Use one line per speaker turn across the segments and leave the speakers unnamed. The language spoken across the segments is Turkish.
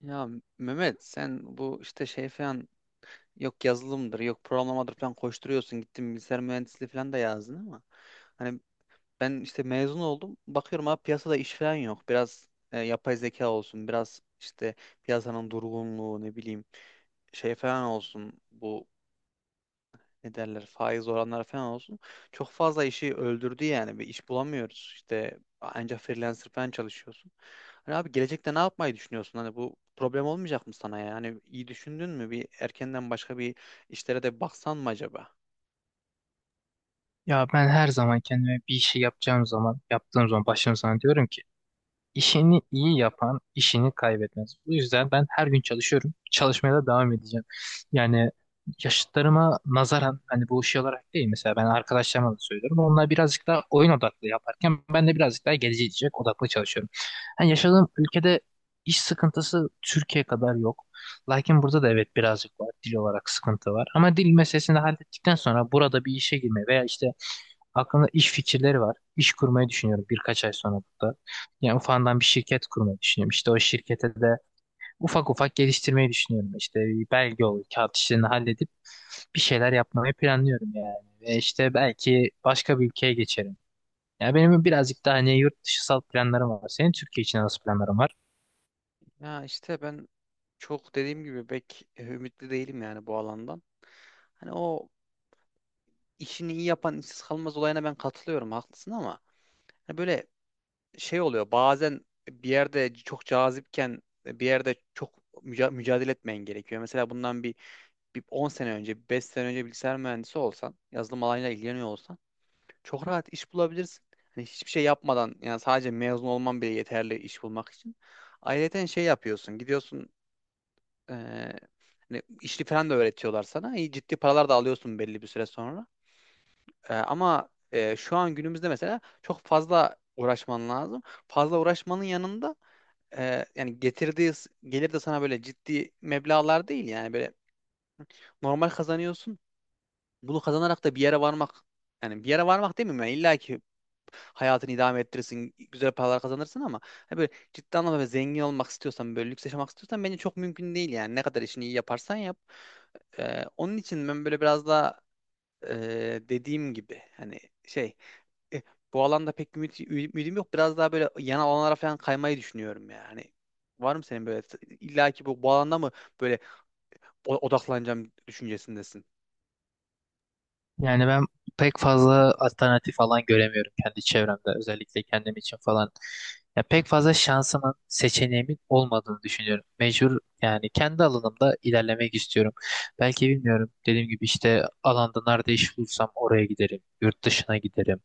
Ya Mehmet sen bu işte şey falan yok yazılımdır yok programlamadır falan koşturuyorsun, gittin bilgisayar mühendisliği falan da yazdın ama hani ben işte mezun oldum, bakıyorum abi piyasada iş falan yok, biraz yapay zeka olsun, biraz işte piyasanın durgunluğu ne bileyim şey falan olsun, bu ne derler faiz oranları falan olsun. Çok fazla işi öldürdü yani. Bir iş bulamıyoruz. İşte ancak freelancer falan çalışıyorsun. Hani abi gelecekte ne yapmayı düşünüyorsun? Hani bu problem olmayacak mı sana ya? Hani iyi düşündün mü? Bir erkenden başka bir işlere de baksan mı acaba?
Ya ben her zaman kendime bir işi yapacağım zaman, yaptığım zaman başladığım zaman diyorum ki işini iyi yapan işini kaybetmez. Bu yüzden ben her gün çalışıyorum. Çalışmaya da devam edeceğim. Yani yaşıtlarıma nazaran hani bu şey olarak değil, mesela ben arkadaşlarıma da söylüyorum. Onlar birazcık daha oyun odaklı yaparken ben de birazcık daha gelecek odaklı çalışıyorum. Yani yaşadığım ülkede iş sıkıntısı Türkiye kadar yok. Lakin burada da evet birazcık var. Dil olarak sıkıntı var. Ama dil meselesini hallettikten sonra burada bir işe girme veya işte aklımda iş fikirleri var. İş kurmayı düşünüyorum birkaç ay sonra burada. Yani ufandan bir şirket kurmayı düşünüyorum. İşte o şirkete de ufak ufak geliştirmeyi düşünüyorum. İşte bir belge olur, kağıt işlerini halledip bir şeyler yapmayı planlıyorum yani. Ve işte belki başka bir ülkeye geçerim. Yani benim birazcık daha hani yurt dışısal planlarım var. Senin Türkiye için nasıl planların var?
Ya işte ben çok dediğim gibi pek ümitli değilim yani bu alandan. Hani o işini iyi yapan işsiz kalmaz olayına ben katılıyorum, haklısın, ama hani böyle şey oluyor bazen, bir yerde çok cazipken bir yerde çok mücadele etmen gerekiyor. Mesela bundan bir 10 sene önce, 5 sene önce bilgisayar mühendisi olsan, yazılım alanıyla ilgileniyor olsan çok rahat iş bulabilirsin. Hani hiçbir şey yapmadan, yani sadece mezun olman bile yeterli iş bulmak için. Ayrıca şey yapıyorsun, gidiyorsun eee hani işli falan da öğretiyorlar sana. İyi ciddi paralar da alıyorsun belli bir süre sonra. Ama şu an günümüzde mesela çok fazla uğraşman lazım. Fazla uğraşmanın yanında yani getirdiği gelir de sana böyle ciddi meblağlar değil, yani böyle normal kazanıyorsun. Bunu kazanarak da bir yere varmak, yani bir yere varmak demeyeyim, yani illa ki hayatını idame ettirirsin, güzel paralar kazanırsın, ama hani böyle ciddi anlamda böyle zengin olmak istiyorsan, böyle lüks yaşamak istiyorsan bence çok mümkün değil yani. Ne kadar işini iyi yaparsan yap. Onun için ben böyle biraz daha dediğim gibi hani şey e, bu alanda pek ümidim yok. Biraz daha böyle yan alanlara falan kaymayı düşünüyorum yani. Var mı senin böyle illa ki bu alanda mı böyle odaklanacağım düşüncesindesin?
Yani ben pek fazla alternatif falan göremiyorum kendi çevremde. Özellikle kendim için falan. Ya pek fazla şansımın, seçeneğimin olmadığını düşünüyorum. Mecbur yani kendi alanımda ilerlemek istiyorum. Belki bilmiyorum. Dediğim gibi işte alanda nerede iş bulursam oraya giderim. Yurt dışına giderim.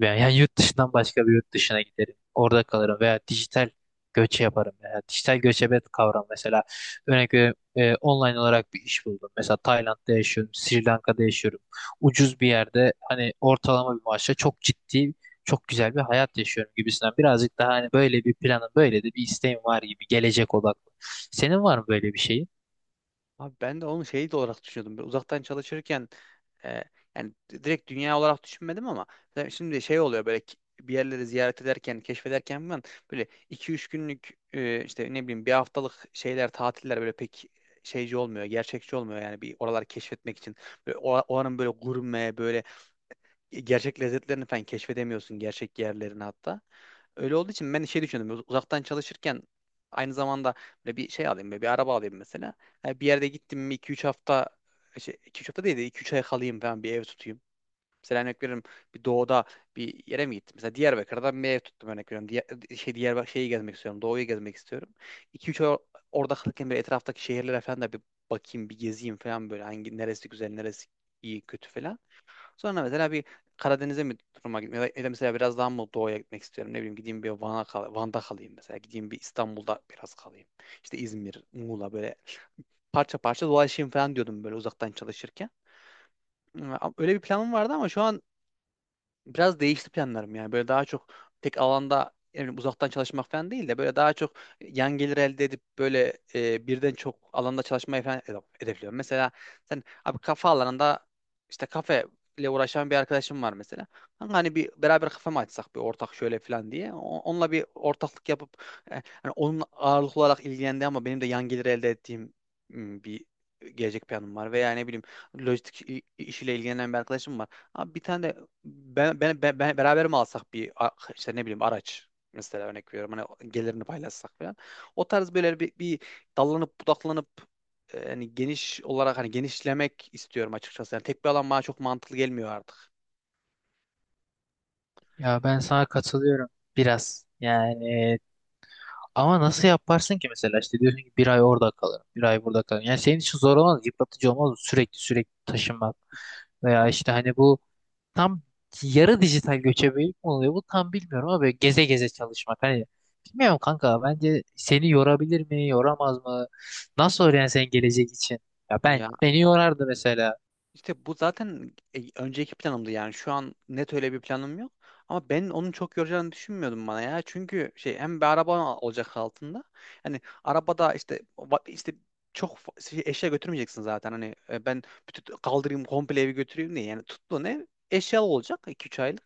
Veya yani yurt dışından başka bir yurt dışına giderim. Orada kalırım veya dijital göçe yaparım. Veya dijital göçebe kavram mesela. Örnek veriyorum online olarak bir iş buldum. Mesela Tayland'da yaşıyorum, Sri Lanka'da yaşıyorum. Ucuz bir yerde hani ortalama bir maaşla çok ciddi, çok güzel bir hayat yaşıyorum gibisinden. Birazcık daha hani böyle bir planım, böyle de bir isteğim var gibi, gelecek odaklı. Senin var mı böyle bir şeyin?
Abi ben de onu şey de olarak düşünüyordum. Böyle uzaktan çalışırken e, yani direkt dünya olarak düşünmedim, ama mesela şimdi şey oluyor böyle bir yerleri ziyaret ederken, keşfederken falan böyle iki üç günlük işte ne bileyim bir haftalık şeyler, tatiller böyle pek şeyci olmuyor, gerçekçi olmuyor yani bir oraları keşfetmek için. Böyle oranın böyle gurme, böyle gerçek lezzetlerini falan keşfedemiyorsun, gerçek yerlerini hatta. Öyle olduğu için ben şey düşündüm. Uzaktan çalışırken aynı zamanda böyle bir şey alayım, böyle bir araba alayım mesela. Yani bir yerde gittim mi 2-3 hafta 2-3 hafta değil de iki üç ay kalayım falan, bir ev tutayım. Mesela örnek veriyorum, bir doğuda bir yere mi gittim? Mesela Diyarbakır'da bir ev tuttum, örnek veriyorum. Diğer, şey Diyarbakır şeyi gezmek istiyorum. Doğuyu gezmek istiyorum. İki üç ay orada kalırken böyle etraftaki şehirlere falan da bir bakayım, bir gezeyim falan, böyle hangi neresi güzel, neresi iyi, kötü falan. Sonra mesela bir Karadeniz'e mi duruma gitmek, ya da ya da mesela biraz daha mı doğuya gitmek istiyorum, ne bileyim, gideyim bir Van'a kal Van'da kalayım mesela, gideyim bir İstanbul'da biraz kalayım, işte İzmir, Muğla, böyle parça parça dolaşayım falan diyordum böyle uzaktan çalışırken. Ama öyle bir planım vardı, ama şu an biraz değişti planlarım yani. Böyle daha çok tek alanda yani uzaktan çalışmak falan değil de böyle daha çok yan gelir elde edip böyle birden çok alanda çalışmayı falan hedefliyorum. Mesela sen abi kafe alanında işte kafe ile uğraşan bir arkadaşım var mesela. Kanka hani bir beraber kafe mi açsak bir ortak şöyle falan diye. Onunla bir ortaklık yapıp e, hani onun ağırlıklı olarak ilgilendi ama benim de yan gelir elde ettiğim bir gelecek planım var, veya ne bileyim lojistik işiyle ilgilenen bir arkadaşım var. Abi bir tane de beraber mi alsak işte ne bileyim araç mesela, örnek veriyorum hani gelirini paylaşsak falan. O tarz böyle bir dallanıp budaklanıp hani geniş olarak hani genişlemek istiyorum açıkçası. Yani tek bir alan bana çok mantıklı gelmiyor artık.
Ya ben sana katılıyorum biraz. Yani ama nasıl yaparsın ki mesela? İşte diyorsun ki bir ay orada kalırım, bir ay burada kalırım. Yani senin için zor olmaz, yıpratıcı olmaz mı sürekli sürekli taşınmak
Ha,
veya işte hani bu tam yarı dijital göçebelik mi oluyor? Bu tam bilmiyorum ama böyle geze geze çalışmak hani bilmiyorum kanka, bence seni yorabilir mi, yoramaz mı? Nasıl olur yani senin gelecek için? Ya ben,
ya
beni yorardı mesela.
İşte bu zaten önceki planımdı yani, şu an net öyle bir planım yok. Ama ben onun çok yoracağını düşünmüyordum bana ya. Çünkü şey hem bir araba olacak altında. Hani arabada işte işte eşya götürmeyeceksin zaten. Hani ben bütün kaldırayım komple evi götüreyim diye. Yani tuttuğun ev eşyalı olacak iki 3 aylık.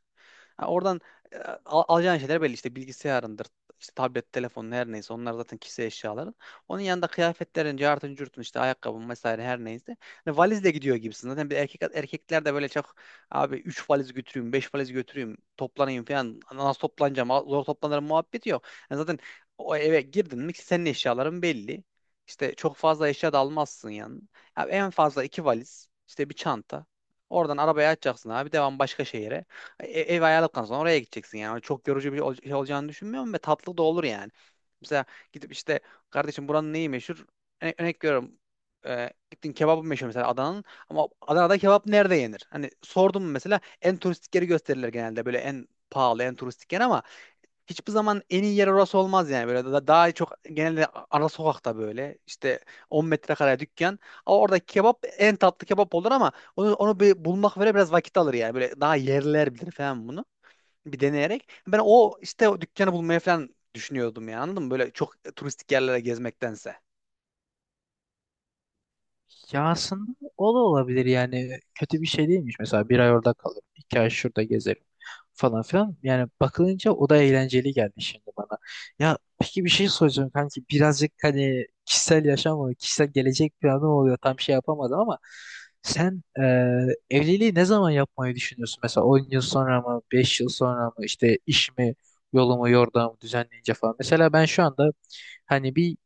Ha, oradan e, alacağın şeyler belli, işte bilgisayarındır, işte tablet, telefonun, her neyse onlar zaten kişisel eşyaların. Onun yanında kıyafetlerin, cartın, curtun, işte ayakkabın vesaire, her neyse. Hani valizle gidiyor gibisin. Zaten bir erkek, erkekler de böyle çok abi 3 valiz götüreyim, 5 valiz götüreyim, toplanayım falan, nasıl toplanacağım, zor toplanırım muhabbeti yok. Yani zaten o eve girdin mi senin eşyaların belli. İşte çok fazla eşya da almazsın yani. Abi en fazla iki valiz, işte bir çanta. Oradan arabaya açacaksın abi. Devam başka şehire. Ev ayarladıktan sonra oraya gideceksin yani. Çok yorucu bir şey olacağını düşünmüyorum, ve tatlı da olur yani. Mesela gidip işte kardeşim buranın neyi meşhur? Örnek veriyorum. Gittin kebabı meşhur mesela Adana'nın, ama Adana'da kebap nerede yenir? Hani sordum mesela, en turistik yeri gösterirler genelde, böyle en pahalı en turistik yer, ama hiçbir zaman en iyi yer orası olmaz yani, böyle daha çok genelde ara sokakta böyle işte 10 metrekare dükkan, ama orada kebap en tatlı kebap olur, ama onu bir bulmak böyle biraz vakit alır yani, böyle daha yerliler bilir falan bunu, bir deneyerek ben o işte o dükkanı bulmaya falan düşünüyordum yani, anladın mı, böyle çok turistik yerlere gezmektense.
Ya aslında o da olabilir yani, kötü bir şey değilmiş. Mesela bir ay orada kalırım, iki ay şurada gezerim falan filan. Yani bakılınca o da eğlenceli geldi şimdi bana. Ya peki bir şey soracağım kanki, birazcık hani kişisel yaşam oluyor, kişisel gelecek planı oluyor, tam şey yapamadım ama sen evliliği ne zaman yapmayı düşünüyorsun? Mesela 10 yıl sonra mı, 5 yıl sonra mı, işte işimi, yolumu, yordamı düzenleyince falan. Mesela ben şu anda hani bir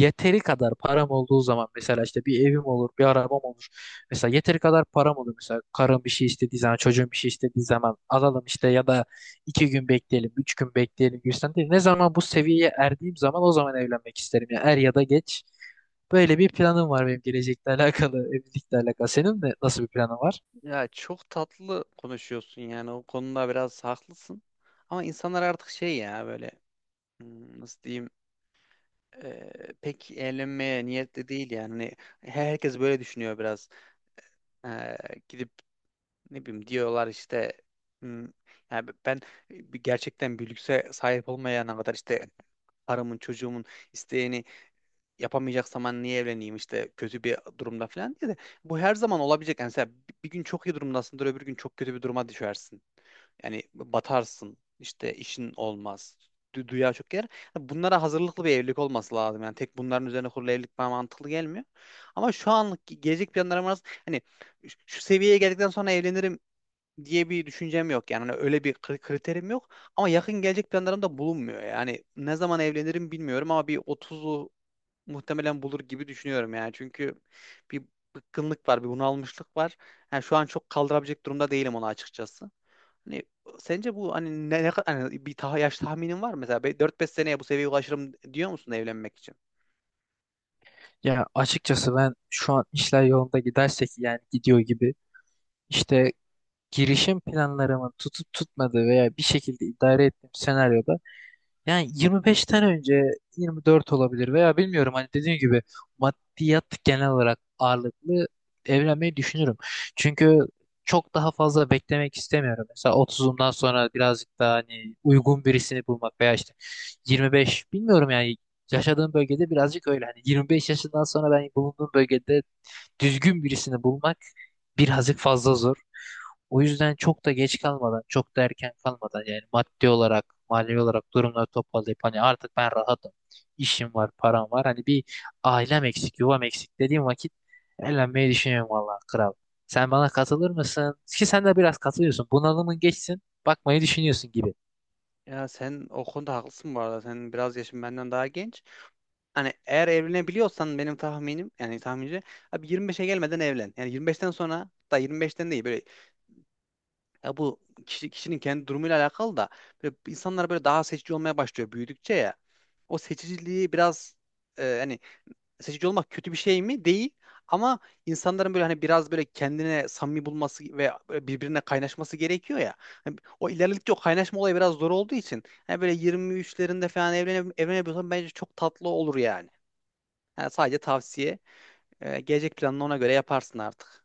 yeteri kadar param olduğu zaman mesela işte bir evim olur, bir arabam olur. Mesela yeteri kadar param olur. Mesela karım bir şey istediği zaman, çocuğum bir şey istediği zaman alalım işte, ya da 2 gün bekleyelim, 3 gün bekleyelim gibisinden değil. Ne zaman bu seviyeye erdiğim zaman o zaman evlenmek isterim. Yani er ya da geç. Böyle bir planım var benim, gelecekle alakalı, evlilikle alakalı. Senin de nasıl bir planın var?
Ya çok tatlı konuşuyorsun yani, o konuda biraz haklısın. Ama insanlar artık şey ya böyle, hmm, nasıl diyeyim, e, pek eğlenmeye niyetli değil yani. Hani herkes böyle düşünüyor biraz. E, gidip ne bileyim diyorlar işte, hmm, yani ben gerçekten bir lükse sahip olmayana kadar işte karımın çocuğumun isteğini yapamayacaksam ben niye evleneyim işte, kötü bir durumda falan diye de, bu her zaman olabilecek. Yani mesela bir gün çok iyi durumdasındır, öbür gün çok kötü bir duruma düşersin. Yani batarsın işte işin olmaz. Du dünya çok yer. Bunlara hazırlıklı bir evlilik olması lazım. Yani tek bunların üzerine kurulu evlilik bana mantıklı gelmiyor. Ama şu anlık gelecek planlarım arasında hani şu seviyeye geldikten sonra evlenirim diye bir düşüncem yok. Yani hani öyle bir kriterim yok. Ama yakın gelecek planlarım da bulunmuyor. Yani ne zaman evlenirim bilmiyorum, ama bir 30'lu muhtemelen bulur gibi düşünüyorum yani. Çünkü bir bıkkınlık var, bir bunalmışlık var. Yani şu an çok kaldırabilecek durumda değilim onu, açıkçası. Hani sence bu hani ne kadar hani bir ta yaş tahminin var mı? Mesela 4-5 seneye bu seviyeye ulaşırım diyor musun evlenmek için?
Ya açıkçası ben şu an işler yolunda gidersek, yani gidiyor gibi. İşte girişim planlarımın tutup tutmadığı veya bir şekilde idare ettiğim senaryoda yani 25'ten önce, 24 olabilir veya bilmiyorum, hani dediğim gibi maddiyat genel olarak ağırlıklı, evlenmeyi düşünürüm. Çünkü çok daha fazla beklemek istemiyorum. Mesela 30'umdan sonra birazcık daha hani uygun birisini bulmak veya işte 25, bilmiyorum yani, yaşadığım bölgede birazcık öyle. Hani 25 yaşından sonra ben bulunduğum bölgede düzgün birisini bulmak birazcık fazla zor. O yüzden çok da geç kalmadan, çok da erken kalmadan, yani maddi olarak, manevi olarak durumları toparlayıp hani artık ben rahatım, işim var, param var. Hani bir ailem eksik, yuvam eksik dediğim vakit evlenmeyi düşünüyorum vallahi kral. Sen bana katılır mısın? Ki sen de biraz katılıyorsun. Bunalımın geçsin, bakmayı düşünüyorsun gibi.
Ya sen o konuda haklısın bu arada. Sen biraz yaşın benden daha genç. Hani eğer evlenebiliyorsan benim tahminim, yani tahmince, abi 25'e gelmeden evlen. Yani 25'ten sonra da 25'ten değil, böyle ya bu kişinin kendi durumuyla alakalı da, böyle insanlar böyle daha seçici olmaya başlıyor büyüdükçe ya. O seçiciliği biraz hani seçici olmak kötü bir şey mi? Değil. Ama insanların böyle hani biraz böyle kendine samimi bulması ve böyle birbirine kaynaşması gerekiyor ya. Hani o ilerledikçe o kaynaşma olayı biraz zor olduğu için hani böyle 23'lerinde falan evlenebiliyorsan bence çok tatlı olur yani. Yani sadece tavsiye. E, gelecek planını ona göre yaparsın artık.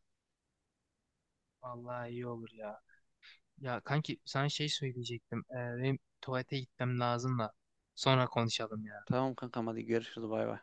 Vallahi iyi olur ya. Ya kanki sana şey söyleyecektim. Benim tuvalete gitmem lazım da sonra konuşalım ya.
Tamam kankam, hadi görüşürüz, bay bay.